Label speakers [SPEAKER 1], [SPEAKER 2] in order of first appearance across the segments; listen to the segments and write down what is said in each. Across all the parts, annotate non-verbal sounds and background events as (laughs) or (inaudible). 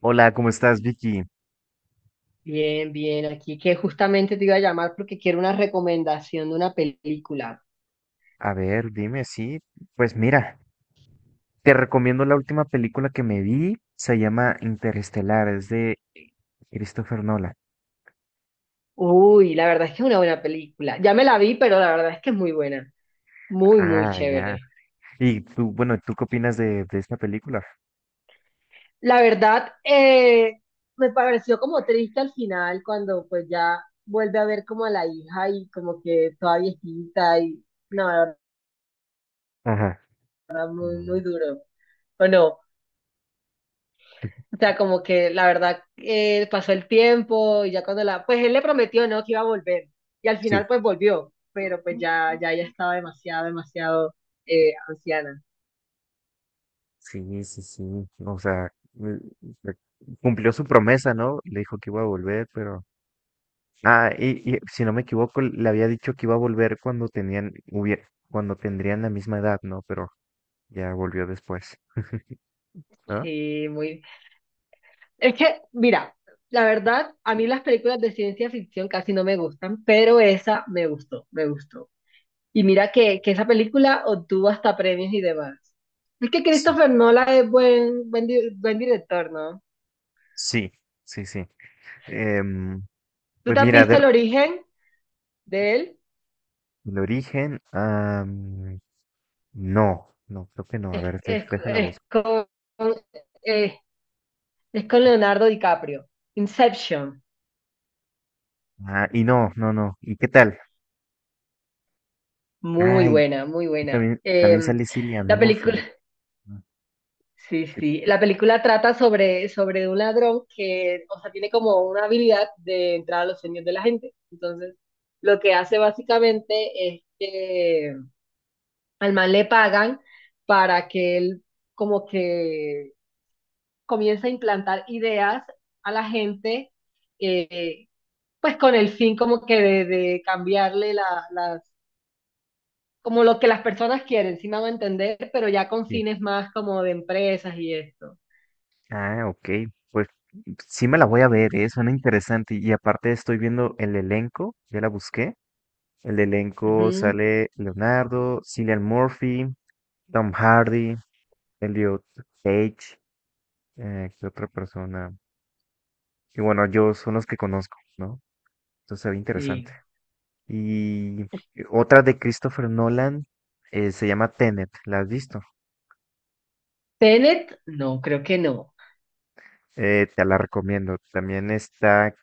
[SPEAKER 1] Hola, ¿cómo estás, Vicky?
[SPEAKER 2] Bien, bien, aquí que justamente te iba a llamar porque quiero una recomendación de una película.
[SPEAKER 1] A ver, dime, sí. Pues mira, te recomiendo la última película que me vi. Se llama Interestelar, es de Christopher Nolan.
[SPEAKER 2] Uy, la verdad es que es una buena película. Ya me la vi, pero la verdad es que es muy buena. Muy, muy
[SPEAKER 1] Ah, ya.
[SPEAKER 2] chévere.
[SPEAKER 1] Y tú, bueno, ¿tú qué opinas de esta película?
[SPEAKER 2] La verdad, me pareció como triste al final cuando pues ya vuelve a ver como a la hija y como que toda viejita y no, la verdad,
[SPEAKER 1] Ajá.
[SPEAKER 2] muy,
[SPEAKER 1] Mm.
[SPEAKER 2] muy duro. ¿O no? O sea, como que la verdad pasó el tiempo y ya cuando la, pues él le prometió, ¿no? Que iba a volver. Y al final
[SPEAKER 1] Sí.
[SPEAKER 2] pues volvió, pero pues ya, ya ella estaba demasiado, demasiado anciana.
[SPEAKER 1] Sí, sí, sí. O sea, eh, cumplió su promesa, ¿no? Le dijo que iba a volver, pero... Ah, y si no me equivoco, le había dicho que iba a volver cuando tenían, cuando tendrían la misma edad, ¿no? Pero ya volvió después, ¿no?
[SPEAKER 2] Sí, muy. Es que, mira, la verdad, a mí las películas de ciencia ficción casi no me gustan, pero esa me gustó, me gustó. Y mira que esa película obtuvo hasta premios y demás. Es que
[SPEAKER 1] Sí.
[SPEAKER 2] Christopher Nolan es buen, buen, buen director, ¿no?
[SPEAKER 1] Sí, sí, sí. Em,
[SPEAKER 2] ¿Tú
[SPEAKER 1] pues
[SPEAKER 2] te has
[SPEAKER 1] mira,
[SPEAKER 2] visto el origen de él?
[SPEAKER 1] el origen, ah, no, no, creo que no. A
[SPEAKER 2] Es,
[SPEAKER 1] ver,
[SPEAKER 2] es-
[SPEAKER 1] déjala voz.
[SPEAKER 2] es con, eh, es con Leonardo DiCaprio. Inception.
[SPEAKER 1] Ah, y no, no, no. ¿Y qué tal?
[SPEAKER 2] Muy
[SPEAKER 1] Ay,
[SPEAKER 2] buena, muy
[SPEAKER 1] y
[SPEAKER 2] buena.
[SPEAKER 1] también, también sale Cillian
[SPEAKER 2] La película,
[SPEAKER 1] Murphy.
[SPEAKER 2] (laughs)
[SPEAKER 1] Ah,
[SPEAKER 2] sí,
[SPEAKER 1] sí,
[SPEAKER 2] sí. La película trata sobre un ladrón que, o sea, tiene como una habilidad de entrar a los sueños de la gente. Entonces, lo que hace básicamente es que al man le pagan para que él como que comience a implantar ideas a la gente. eh, pues con el fin como que de cambiarle la, las, como lo que las personas quieren, si me hago entender, pero ya con
[SPEAKER 1] sí.
[SPEAKER 2] fines más como de empresas y esto.
[SPEAKER 1] Ah, ok. Pues sí me la voy a ver, ¿eh? Suena interesante. Y aparte estoy viendo el elenco, ya la busqué. El elenco
[SPEAKER 2] Ujú.
[SPEAKER 1] sale Leonardo, Cillian Murphy, Tom Hardy, Elliot Page, ¿qué otra persona? Y bueno, yo son los que conozco, ¿no? Entonces se ve
[SPEAKER 2] Sí.
[SPEAKER 1] interesante. Y otra de Christopher Nolan se llama Tenet, ¿la has visto?
[SPEAKER 2] Tenet, no, creo que no.
[SPEAKER 1] Te la recomiendo.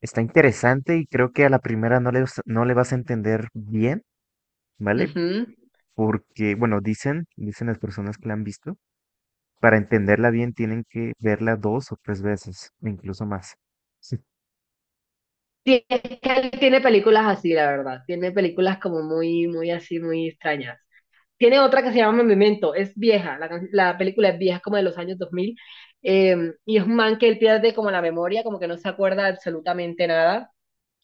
[SPEAKER 1] Está interesante y creo que a la primera no le vas a entender bien, ¿vale?
[SPEAKER 2] Ujú.
[SPEAKER 1] Porque, bueno, dicen las personas que la han visto, para entenderla bien tienen que verla dos o tres veces, incluso más.
[SPEAKER 2] Sí, es que él tiene películas así, la verdad. Tiene películas como muy, muy así, muy extrañas. Tiene otra que se llama Memento, es vieja, la película es vieja, es como de los años 2000, y es un man que él pierde como la memoria, como que no se acuerda absolutamente nada.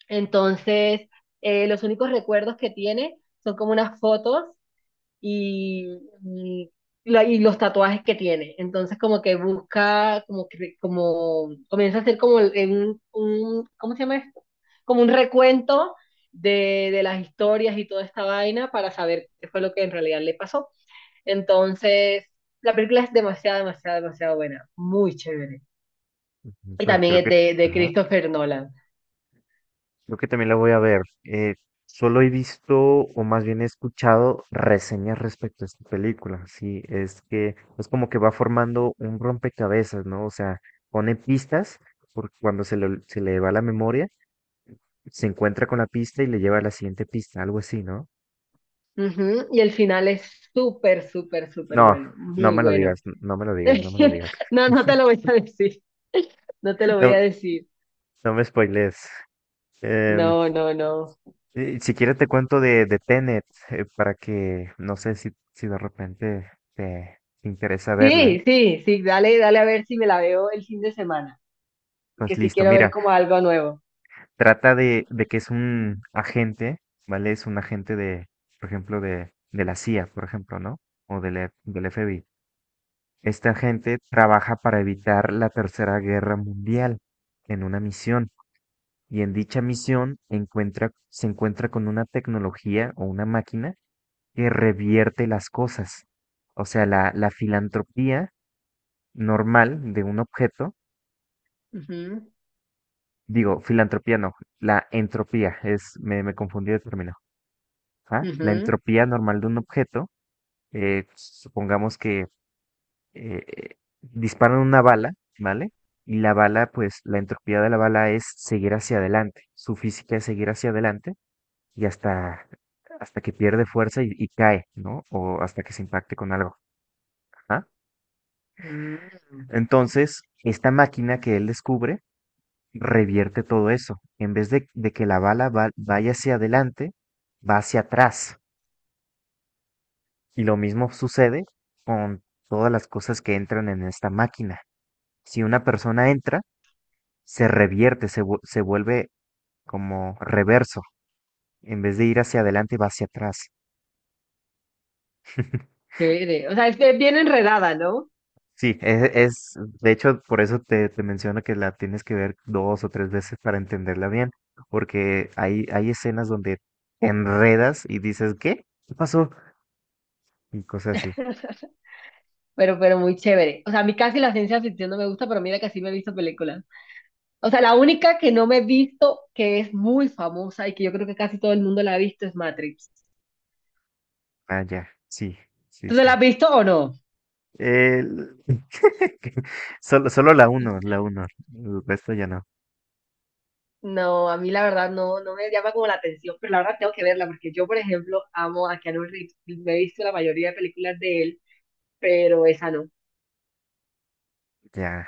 [SPEAKER 2] Entonces, los únicos recuerdos que tiene son como unas fotos y, y, y los tatuajes que tiene. Entonces, como que busca, como, como comienza a hacer como el- un- ¿cómo se llama esto? Como un recuento de las historias y toda esta vaina para saber qué fue lo que en realidad le pasó. Entonces, la película es demasiado, demasiado, demasiado buena, muy chévere.
[SPEAKER 1] (laughs)
[SPEAKER 2] Y
[SPEAKER 1] Pues
[SPEAKER 2] también
[SPEAKER 1] creo
[SPEAKER 2] es
[SPEAKER 1] que,
[SPEAKER 2] de
[SPEAKER 1] ajá.
[SPEAKER 2] Christopher Nolan.
[SPEAKER 1] Creo que también la voy a ver. Solo he visto, o más bien he escuchado, reseñas respecto a esta película. Sí, es que es como que va formando un rompecabezas, ¿no? O sea, pone pistas, porque se le va la memoria, se encuentra con la pista y le lleva a la siguiente pista, algo así, ¿no?
[SPEAKER 2] Ujú. Y el final es súper, súper, súper
[SPEAKER 1] No,
[SPEAKER 2] bueno,
[SPEAKER 1] no
[SPEAKER 2] muy
[SPEAKER 1] me lo
[SPEAKER 2] bueno.
[SPEAKER 1] digas, no me lo digas, no me lo digas.
[SPEAKER 2] (laughs) No, no te
[SPEAKER 1] (laughs)
[SPEAKER 2] lo voy a decir, no te lo voy a
[SPEAKER 1] No,
[SPEAKER 2] decir.
[SPEAKER 1] no me spoilees. Em,
[SPEAKER 2] No, no, no.
[SPEAKER 1] Si quieres te cuento de Tenet, para que, no sé si de repente te interesa verla.
[SPEAKER 2] Sí, sí, sí, dale, dale a ver si me la veo el fin de semana,
[SPEAKER 1] Pues
[SPEAKER 2] porque sí
[SPEAKER 1] listo,
[SPEAKER 2] quiero ver
[SPEAKER 1] mira,
[SPEAKER 2] como algo nuevo.
[SPEAKER 1] trata de que es un agente, ¿vale? Es un agente de, por ejemplo, de la CIA, por ejemplo, ¿no? O del, del FBI. Este agente trabaja para evitar la Tercera Guerra Mundial en una misión. Y en dicha misión se encuentra con una tecnología o una máquina que revierte las cosas. O sea, la filantropía normal de un objeto,
[SPEAKER 2] Ujú,
[SPEAKER 1] digo, filantropía no, la entropía, es, me confundí de término. ¿Ah? La
[SPEAKER 2] ujú.
[SPEAKER 1] entropía normal de un objeto, supongamos que disparan una bala, ¿vale? Y la bala, pues la entropía de la bala es seguir hacia adelante, su física es seguir hacia adelante y hasta que pierde fuerza y cae, ¿no? O hasta que se impacte con algo. ¿Ah?
[SPEAKER 2] Mm,
[SPEAKER 1] Entonces, esta máquina que él descubre revierte todo eso. En vez de que la bala vaya hacia adelante, va hacia atrás. Y lo mismo sucede con todas las cosas que entran en esta máquina. Si una persona entra, se revierte, se vuelve como reverso. En vez de ir hacia adelante, va hacia atrás. (laughs)
[SPEAKER 2] chévere. O sea, es que es bien enredada, ¿no?
[SPEAKER 1] Sí, de hecho, por eso te menciono que la tienes que ver dos o tres veces para entenderla bien, porque hay escenas donde te enredas y dices, ¿qué? ¿Qué pasó? Y cosas así.
[SPEAKER 2] (laughs) Pero muy chévere. O sea, a mí casi la ciencia ficción no me gusta, pero mira que sí me he visto películas. O sea, la única que no me he visto, que es muy famosa y que yo creo que casi todo el mundo la ha visto, es Matrix.
[SPEAKER 1] Ah, ya, sí, sí,
[SPEAKER 2] ¿Tú te la
[SPEAKER 1] sí.
[SPEAKER 2] has visto o no?
[SPEAKER 1] El- (laughs) que- Solo, la uno, el resto ya no.
[SPEAKER 2] No, a mí la verdad no, no me llama como la atención, pero la verdad tengo que verla porque yo, por ejemplo, amo a Keanu Reeves. Me he visto la mayoría de películas de él, pero esa no.
[SPEAKER 1] Ya,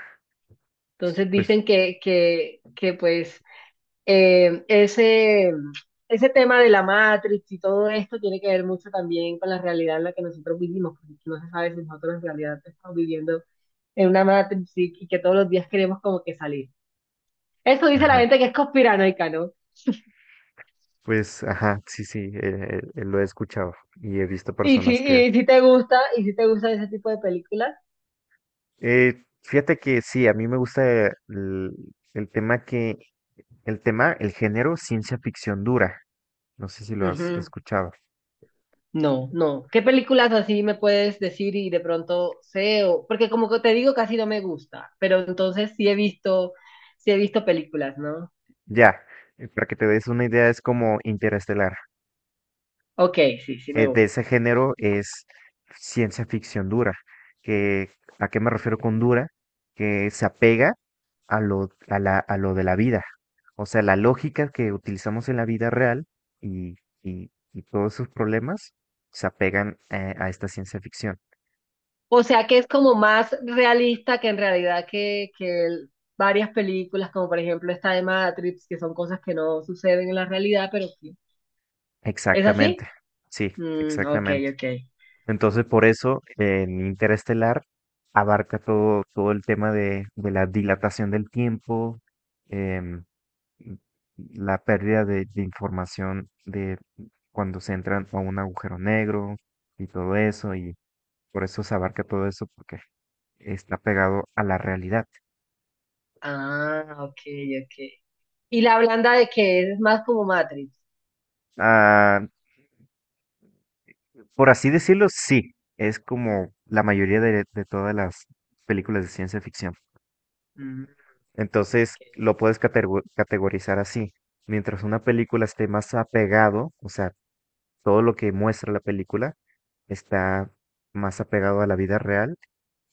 [SPEAKER 2] Entonces
[SPEAKER 1] pues,
[SPEAKER 2] dicen que pues eh, ese, ese tema de la Matrix y todo esto tiene que ver mucho también con la realidad en la que nosotros vivimos, porque no se sabe si nosotros en realidad estamos viviendo en una Matrix y que todos los días queremos como que salir. Eso dice la
[SPEAKER 1] ajá,
[SPEAKER 2] gente que es conspiranoica, ¿no?
[SPEAKER 1] pues, ajá, sí, sí, lo he escuchado y he visto personas que...
[SPEAKER 2] Y si te gusta, y si te gustan ese tipo de películas,
[SPEAKER 1] Fíjate que sí, a mí me gusta el tema que El tema, el género, ciencia ficción dura. No sé si lo has
[SPEAKER 2] ujú.
[SPEAKER 1] escuchado.
[SPEAKER 2] No, no. ¿Qué películas así me puedes decir y de pronto sé o porque como que te digo casi no me gusta, pero entonces sí he visto películas, ¿no?
[SPEAKER 1] Ya, para que te des una idea, es como Interestelar.
[SPEAKER 2] Ok, sí, sí me
[SPEAKER 1] De
[SPEAKER 2] gusta.
[SPEAKER 1] ese género es ciencia ficción dura. Que, ¿a qué me refiero con dura? Que se apega a a lo de la vida. O sea, la lógica que utilizamos en la vida real y, y todos sus problemas se apegan a esta ciencia ficción.
[SPEAKER 2] O sea que es como más realista que en realidad que el varias películas, como por ejemplo esta de Matrix, que son cosas que no suceden en la realidad, pero que ¿es así?
[SPEAKER 1] Exactamente. Sí,
[SPEAKER 2] Mm, ok,
[SPEAKER 1] exactamente.
[SPEAKER 2] ok.
[SPEAKER 1] Entonces, por eso, en Interestelar abarca todo, todo el tema de la dilatación del tiempo, em, la pérdida de información de cuando se entran a un agujero negro y todo eso, y por eso se abarca todo eso, porque está pegado a la realidad.
[SPEAKER 2] Ah, ok, ok. ¿Y la blanda de qué es? Es más como Matrix.
[SPEAKER 1] Ah, por así decirlo, sí, es como la mayoría de todas las películas de ciencia ficción.
[SPEAKER 2] Mm,
[SPEAKER 1] Entonces
[SPEAKER 2] ok.
[SPEAKER 1] lo puedes categorizar así. Mientras una película esté más apegado, o sea, todo lo que muestra la película está más apegado a la vida real,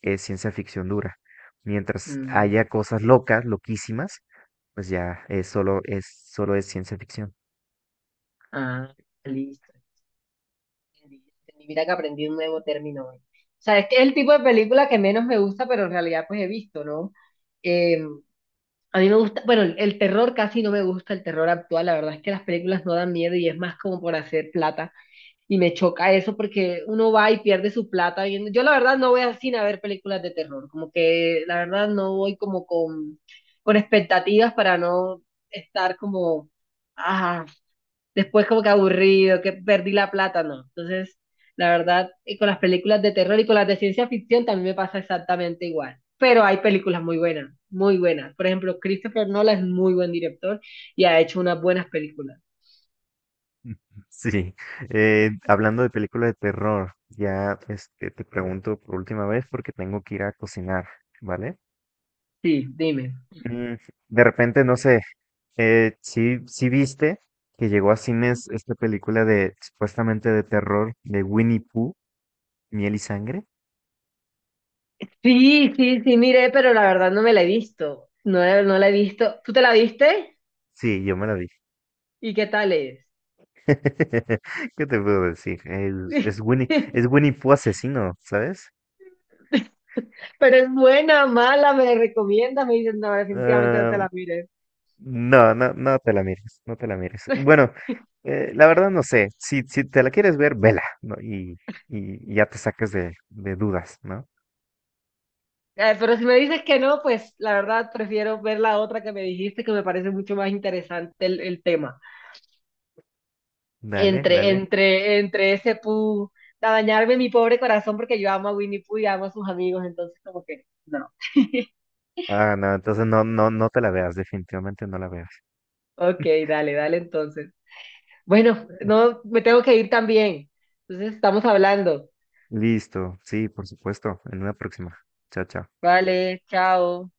[SPEAKER 1] es ciencia ficción dura. Mientras
[SPEAKER 2] Mm,
[SPEAKER 1] haya cosas locas, loquísimas, pues ya es solo es solo es ciencia ficción.
[SPEAKER 2] ah, listo. Entendí, entendí. Mira que aprendí un nuevo término hoy. O sea, es que es el tipo de película que menos me gusta, pero en realidad pues he visto, ¿no? Eh, a mí me gusta, bueno, el terror casi no me gusta, el terror actual. La verdad es que las películas no dan miedo y es más como por hacer plata. Y me choca eso porque uno va y pierde su plata viendo. Yo la verdad no voy a cine a ver películas de terror, como que la verdad no voy como con expectativas para no estar como, ah, después como que aburrido, que perdí la plata, no. Entonces, la verdad, y con las películas de terror y con las de ciencia ficción también me pasa exactamente igual. Pero hay películas muy buenas, muy buenas. Por ejemplo, Christopher Nolan es muy buen director y ha hecho unas buenas películas.
[SPEAKER 1] (laughs) Sí, hablando de películas de terror, ya este, te pregunto por última vez porque tengo que ir a cocinar, ¿vale?
[SPEAKER 2] Sí, dime.
[SPEAKER 1] Mm, de repente, no sé, si sí viste que llegó a cines esta película de supuestamente de terror de Winnie Pooh, Miel y Sangre.
[SPEAKER 2] Sí, sí, sí, miré, pero la verdad no me la he visto. No, no la he visto. ¿Tú te la viste?
[SPEAKER 1] Sí, yo me la vi.
[SPEAKER 2] ¿Y qué tal es?
[SPEAKER 1] (laughs) ¿Qué te puedo decir?
[SPEAKER 2] (laughs)
[SPEAKER 1] Es Winnie Pooh asesino, ¿sabes?
[SPEAKER 2] Pero es buena, mala, me la recomiendas. Me dices, no, definitivamente no te la mires.
[SPEAKER 1] No, no, no te la mires, no te la mires. Bueno,
[SPEAKER 2] (laughs)
[SPEAKER 1] la verdad no sé, si te la quieres ver, vela, ¿no? Y ya te saques de dudas, ¿no?
[SPEAKER 2] Pero si me dices que no, pues la verdad prefiero ver la otra que me dijiste, que me parece mucho más interesante el tema.
[SPEAKER 1] Dale,
[SPEAKER 2] Entre,
[SPEAKER 1] dale.
[SPEAKER 2] entre, entre ese pu, a dañarme mi pobre corazón, porque yo amo a Winnie Pooh y amo a sus amigos, entonces como que, no. (laughs)
[SPEAKER 1] Ah, no, entonces no, no, no te la veas, definitivamente no la veas.
[SPEAKER 2] Ok, dale, dale entonces. Bueno, no, me tengo que ir también. Entonces estamos hablando.
[SPEAKER 1] Listo, sí, por supuesto, en una próxima. Chao, chao.
[SPEAKER 2] Vale, chao.